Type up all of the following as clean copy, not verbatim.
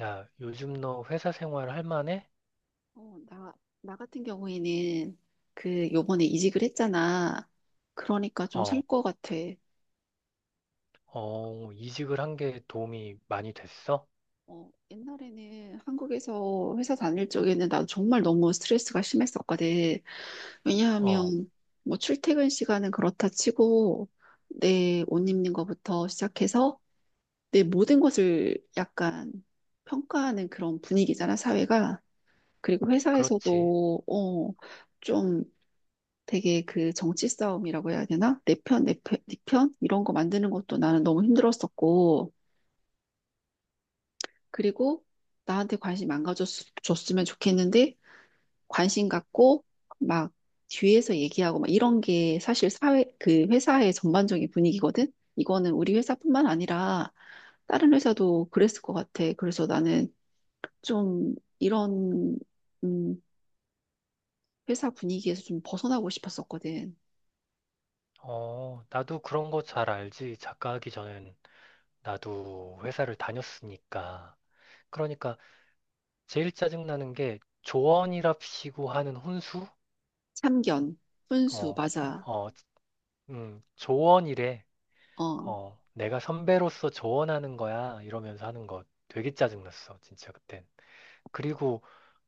야, 요즘 너 회사 생활 할 만해? 어, 나 같은 경우에는 그 요번에 이직을 했잖아. 그러니까 좀 살 어, 것 같아. 이직을 한 게 도움이 많이 됐어? 어, 옛날에는 한국에서 회사 다닐 적에는 나도 정말 너무 스트레스가 심했었거든. 어, 왜냐하면 뭐 출퇴근 시간은 그렇다 치고 내 옷 입는 거부터 시작해서 내 모든 것을 약간 평가하는 그런 분위기잖아, 사회가. 그리고 그렇지. 회사에서도 좀 되게 그 정치 싸움이라고 해야 되나? 내 편, 네 편? 이런 거 만드는 것도 나는 너무 힘들었었고, 그리고 나한테 관심 안 가졌으면 좋겠는데, 관심 갖고, 막 뒤에서 얘기하고, 막 이런 게 사실 사회, 그 회사의 전반적인 분위기거든? 이거는 우리 회사뿐만 아니라 다른 회사도 그랬을 것 같아. 그래서 나는 좀 이런, 음, 회사 분위기에서 좀 벗어나고 싶었었거든. 어, 나도 그런 거 잘 알지. 작가하기 전엔 나도 회사를 다녔으니까. 그러니까 제일 짜증나는 게 조언이랍시고 하는 혼수? 참견, 훈수, 어, 맞아. 어, 조언이래. 어. 어, 내가 선배로서 조언하는 거야. 이러면서 하는 거 되게 짜증났어. 진짜 그땐. 그리고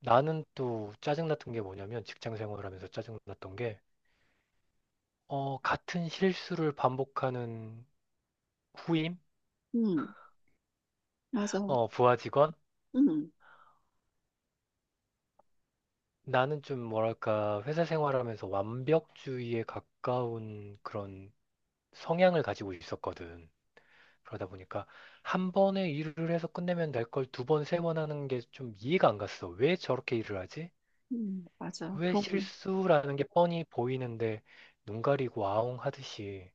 나는 또 짜증났던 게 뭐냐면 직장 생활하면서 짜증났던 게 같은 실수를 반복하는 후임, 음, 맞아. 어, 부하 직원. 음, 나는 좀 뭐랄까 회사 생활하면서 완벽주의에 가까운 그런 성향을 가지고 있었거든. 그러다 보니까 한 번에 일을 해서 끝내면 될 걸 두 번, 세 번 하는 게 좀 이해가 안 갔어. 왜 저렇게 일을 하지? 맞아. 왜 그럼, 실수라는 게 뻔히 보이는데 눈 가리고 아웅 하듯이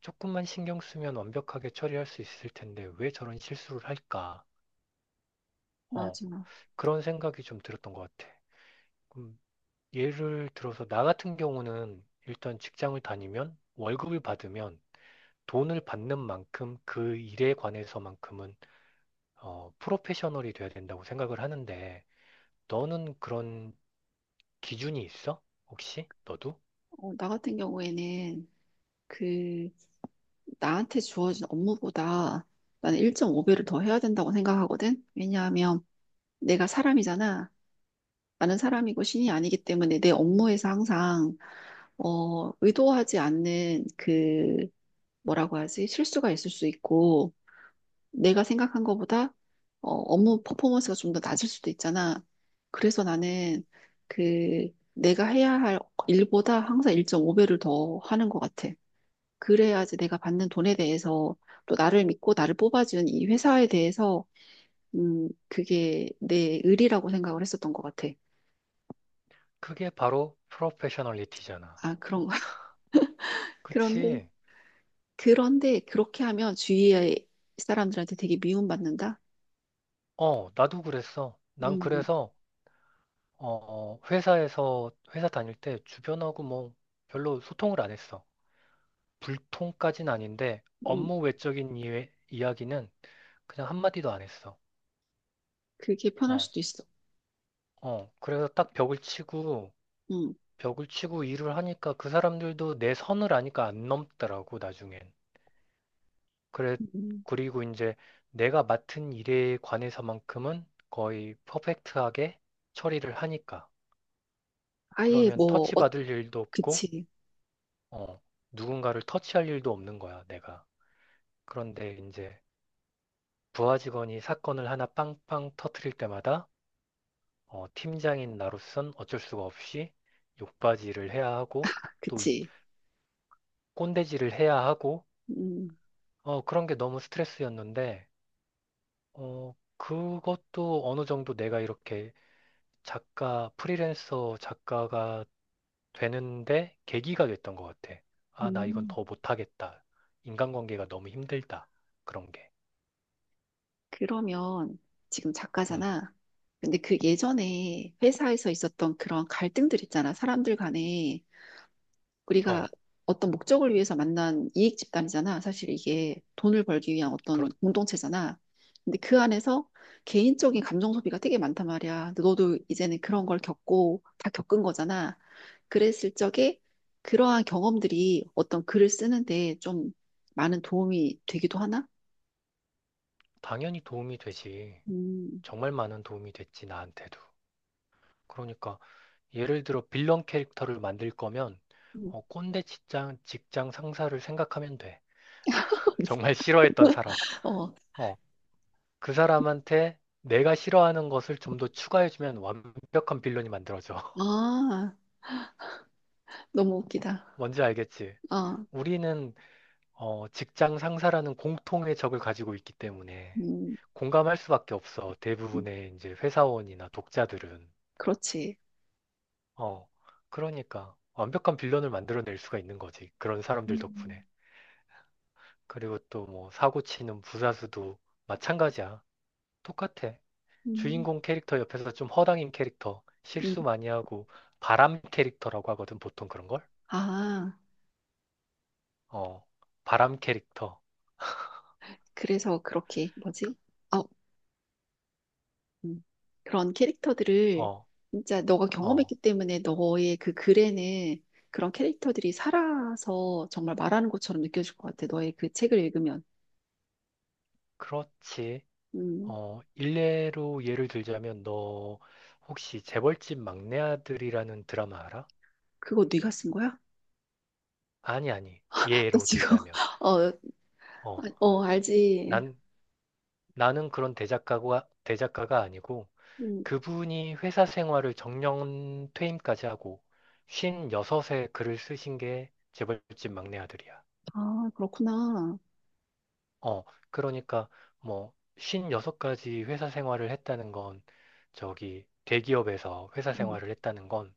조금만 신경 쓰면 완벽하게 처리할 수 있을 텐데 왜 저런 실수를 할까? 맞아. 어, 그런 생각이 좀 들었던 것 같아. 그럼 예를 들어서 나 같은 경우는 일단 직장을 다니면 월급을 받으면 돈을 받는 만큼 그 일에 관해서만큼은 프로페셔널이 돼야 된다고 생각을 하는데 너는 그런 기준이 있어? 혹시 너도? 어, 나 같은 경우에는 그, 나한테 주어진 업무보다 나는 1.5배를 더 해야 된다고 생각하거든? 왜냐하면 내가 사람이잖아. 나는 사람이고 신이 아니기 때문에 내 업무에서 항상, 의도하지 않는 뭐라고 하지? 실수가 있을 수 있고, 내가 생각한 것보다 업무 퍼포먼스가 좀 더 낮을 수도 있잖아. 그래서 나는 그 내가 해야 할 일보다 항상 1.5배를 더 하는 것 같아. 그래야지 내가 받는 돈에 대해서 또 나를 믿고 나를 뽑아준 이 회사에 대해서 그게 내 의리라고 생각을 했었던 것 같아. 그게 바로 프로페셔널리티잖아. 아, 그런 거야. 그런데 그치? 그런데 그렇게 하면 주위의 사람들한테 되게 미움받는다. 어, 나도 그랬어. 난 음, 그래서 어, 회사 다닐 때 주변하고 뭐 별로 소통을 안 했어. 불통까진 아닌데 음, 업무 외적인 이야기는 그냥 한마디도 안 했어. 그게 편할 어, 수도 있어. 어. 그래서 딱 벽을 치고, 음. 벽을 치고 일을 하니까 그 사람들도 내 선을 아니까 안 넘더라고, 나중엔. 그래, 음. 그리고 이제 내가 맡은 일에 관해서만큼은 거의 퍼펙트하게 처리를 하니까. 아예 그러면 뭐 터치 받을 일도 없고, 그치, 어, 누군가를 터치할 일도 없는 거야, 내가. 그런데 이제 부하 직원이 사건을 하나 빵빵 터트릴 때마다 팀장인 나로선 어쩔 수가 없이 욕받이를 해야 하고 또 그치. 꼰대질을 해야 하고 음, 어, 그런 게 너무 스트레스였는데 그것도 어느 정도 내가 이렇게 프리랜서 작가가 되는데 계기가 됐던 것 같아. 아, 나 이건 음. 더 못하겠다. 인간관계가 너무 힘들다. 그런 게. 그러면 지금 음, 작가잖아. 근데 그 예전에 회사에서 있었던 그런 갈등들 있잖아. 사람들 간에. 우리가 어. 어떤 목적을 위해서 만난 이익 집단이잖아. 사실 이게 돈을 벌기 위한 어떤 공동체잖아. 근데 그 안에서 개인적인 감정 소비가 되게 많단 말이야. 근데 너도 이제는 그런 걸 겪고 다 겪은 거잖아. 그랬을 적에 그러한 경험들이 어떤 글을 쓰는데 좀 많은 도움이 되기도 하나? 당연히 도움이 되지. 음. 정말 많은 도움이 됐지, 나한테도. 그러니까, 예를 들어, 빌런 캐릭터를 만들 거면, 음. 꼰대 직장 상사를 생각하면 돼. 정말 싫어했던 사람. 어, 어, 그 사람한테 내가 싫어하는 것을 좀 더 추가해주면 완벽한 빌런이 만들어져. 아, 너무 웃기다. 뭔지 알겠지? 아, 우리는, 직장 상사라는 공통의 적을 가지고 있기 때문에 음, 공감할 수밖에 없어. 음, 대부분의 이제 회사원이나 독자들은. 그렇지. 어, 그러니까 완벽한 빌런을 만들어낼 수가 있는 거지. 그런 사람들 덕분에. 음, 그리고 또 뭐 사고 치는 부사수도 마찬가지야. 똑같아. 음, 주인공 캐릭터 옆에서 좀 허당인 캐릭터, 음. 실수 많이 하고 바람 캐릭터라고 하거든, 보통 그런 걸. 아. 어, 바람 캐릭터. 그래서 그렇게 뭐지? 어, 음, 그런 캐릭터들을 어, 진짜 너가 어, 경험했기 때문에 너의 그 글에는 그런 캐릭터들이 살아서 정말 말하는 것처럼 느껴질 것 같아. 너의 그 책을 읽으면. 그렇지. 음, 어, 일례로 예를 들자면 너 혹시 재벌집 막내 아들이라는 드라마 알아? 그거 네가 쓴 거야? 아니, 아니. 나 예로 지금 들자면. 어, 어, 어, 알지. 난 나는 그런 대작가가 아니고 음, 그분이 회사 생활을 정년 퇴임까지 하고 56에 글을 쓰신 게 재벌집 막내 아들이야. 아, 그렇구나. 어, 그러니까 뭐 56까지 회사 생활을 했다는 건 저기 대기업에서 회사 음, 생활을 했다는 건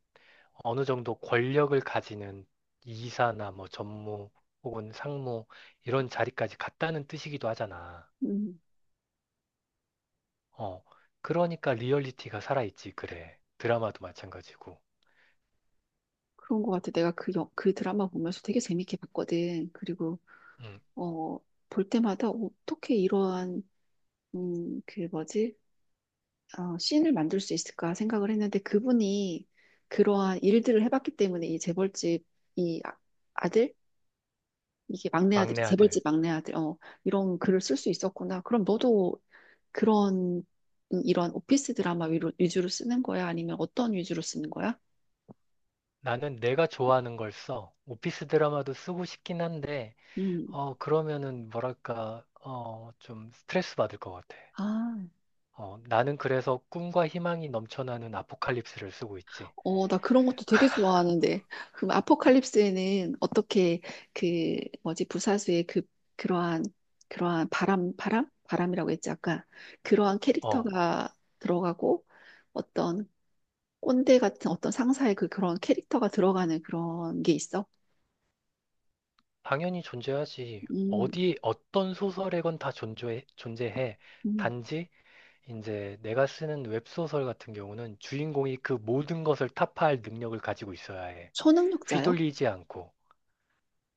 어느 정도 권력을 가지는 이사나 뭐 전무 혹은 상무 이런 자리까지 갔다는 뜻이기도 하잖아. 음, 어, 그러니까 리얼리티가 살아있지, 그래. 드라마도 마찬가지고. 그런 것 같아. 내가 그 드라마 보면서 되게 재밌게 봤거든. 그리고 음, 어, 볼 때마다 어떻게 이러한 그 뭐지? 씬을 만들 수 있을까 생각을 했는데 그분이 그러한 일들을 해봤기 때문에 이 재벌집 이 아- 아들 이게 막내 막내 아들이 아들. 재벌집 막내 아들 이런 글을 쓸 수 있었구나. 그럼 너도 그런 이런 오피스 드라마 위주로 쓰는 거야? 아니면 어떤 위주로 쓰는 거야? 나는 내가 좋아하는 걸 써. 오피스 드라마도 쓰고 싶긴 한데, 음. 그러면은 뭐랄까, 어, 좀 스트레스 받을 것 같아. 아. 나는 그래서 꿈과 희망이 넘쳐나는 아포칼립스를 쓰고 있지. 어, 나 그런 것도 되게 좋아하는데. 그럼 아포칼립스에는 어떻게 그 뭐지 부사수의 그러한 그러한 바람이라고 했지 아까 그러한 어, 캐릭터가 들어가고 어떤 꼰대 같은 어떤 상사의 그런 캐릭터가 들어가는 그런 게 있어? 당연히 존재하지. 음, 어디, 어떤 소설에건 다 존재해, 존재해. 음. 단지 이제 내가 쓰는 웹소설 같은 경우는 주인공이 그 모든 것을 타파할 능력을 가지고 있어야 해. 초능력자요? 휘둘리지 않고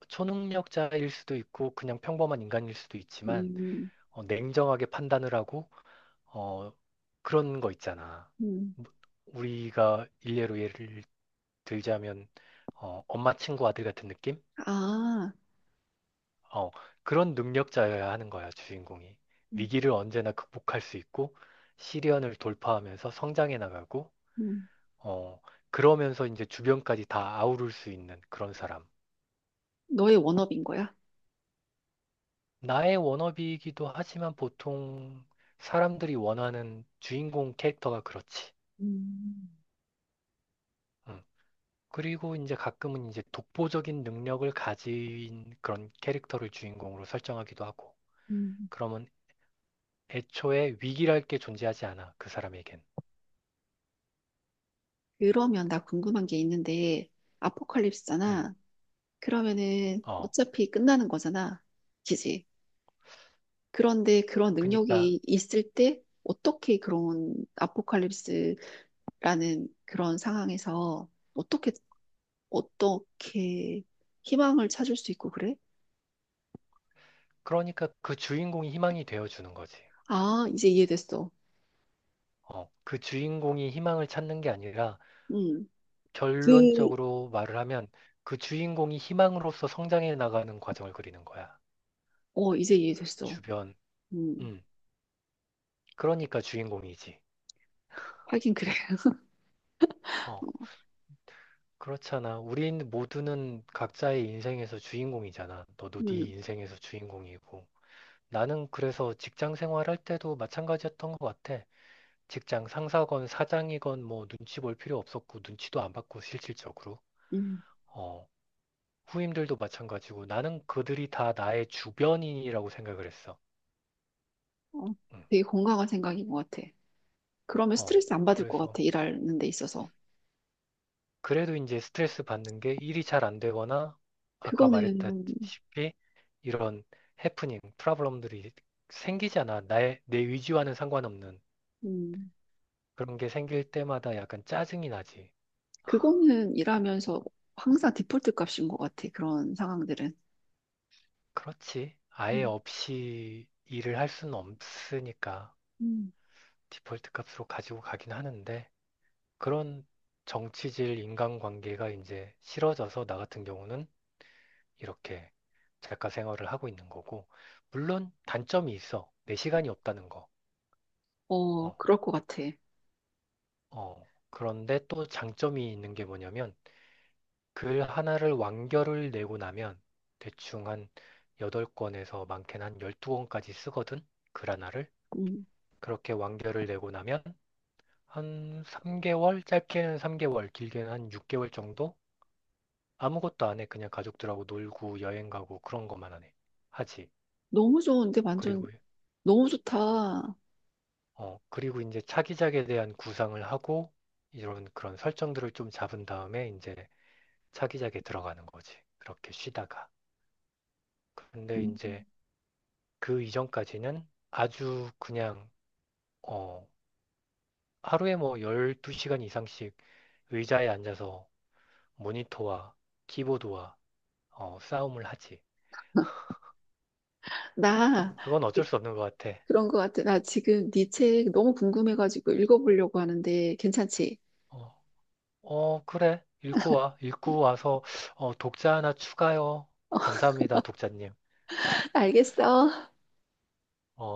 초능력자일 수도 있고 그냥 평범한 인간일 수도 있지만 음, 냉정하게 판단을 하고 어, 그런 거 있잖아. 음. 뭐, 우리가 일례로 예를 들자면 엄마 친구 아들 같은 느낌? 아, 어, 그런 능력자여야 하는 거야, 주인공이. 음, 위기를 언제나 극복할 수 있고 시련을 돌파하면서 성장해 나가고 음. 어, 그러면서 이제 주변까지 다 아우를 수 있는 그런 사람. 너의 워너비인 거야? 나의 워너비이기도 하지만 보통 사람들이 원하는 주인공 캐릭터가 그렇지. 음, 음. 그리고 이제 가끔은 이제 독보적인 능력을 가진 그런 캐릭터를 주인공으로 설정하기도 하고. 음. 그러면 애초에 위기랄 게 존재하지 않아, 그 사람에겐. 그러면 나 궁금한 게 있는데, 음. 아포칼립스잖아. 그러면은 어, 어차피 끝나는 거잖아. 그지? 그런데 그런 그러니까, 능력이 있을 때 어떻게 그런 아포칼립스라는 그런 상황에서 어떻게, 어떻게 희망을 찾을 수 있고 그래? 그러니까 그 주인공이 희망이 되어주는 거지. 아, 이제 이해됐어. 어, 그 주인공이 희망을 찾는 게 아니라 음, 그, 결론적으로 말을 하면 그 주인공이 희망으로서 성장해 나가는 과정을 그리는 거야. 이제 이해됐어. 주변. 음, 음. 그러니까 주인공이지. 하긴 그래. 어. 그렇잖아. 우린 모두는 각자의 인생에서 주인공이잖아. 너도 네 음, 인생에서 주인공이고. 나는 그래서 직장 생활할 때도 마찬가지였던 것 같아. 직장 상사건 사장이건 뭐 눈치 볼 필요 없었고 눈치도 안 받고 실질적으로. 음. 어. 후임들도 마찬가지고 나는 그들이 다 나의 주변인이라고 생각을 했어. 어, 음. 되게 건강한 생각인 것 같아. 그러면 어, 스트레스 안 받을 것 그래서 같아, 일하는 데 있어서. 그래도 이제 스트레스 받는 게 일이 잘 안 되거나 아까 그거는, 말했다시피 이런 해프닝, 프로블럼들이 생기잖아. 나의 내 의지와는 상관없는 음, 그런 게 생길 때마다 약간 짜증이 나지. 그거는 일하면서 항상 디폴트 값인 것 같아. 그런 상황들은. 그렇지. 아예 음, 없이 일을 할 수는 없으니까 음. 디폴트 값으로 가지고 가긴 하는데 그런 정치질 인간관계가 이제 싫어져서 나 같은 경우는 이렇게 작가 생활을 하고 있는 거고, 물론 단점이 있어. 내 시간이 없다는 거. 어, 어, 그럴 것 같아. 어. 그런데 또 장점이 있는 게 뭐냐면, 글 하나를 완결을 내고 나면 대충 한 8권에서 많게는 한 12권까지 쓰거든. 글 하나를. 음, 그렇게 완결을 내고 나면 한 3개월, 짧게는 3개월, 길게는 한 6개월 정도? 아무것도 안 해. 그냥 가족들하고 놀고 여행 가고 그런 것만 하네. 하지. 너무 좋은데, 완전, 그리고 너무 좋다. 어, 그리고 이제 차기작에 대한 구상을 하고 이런 그런 설정들을 좀 잡은 다음에 이제 차기작에 들어가는 거지. 그렇게 쉬다가. 근데 음. 이제 그 이전까지는 아주 그냥 어, 하루에 뭐 12시간 이상씩 의자에 앉아서 모니터와 키보드와 어, 싸움을 하지. 나, 그건 이- 어쩔 수 없는 것 같아. 그런 것 같아. 나 지금 네 책 너무 궁금해가지고 읽어보려고 하는데, 괜찮지? 어, 어, 그래. 읽고 와. 읽고 와서 어, 독자 하나 추가요. 감사합니다, 독자님. 알겠어. 어,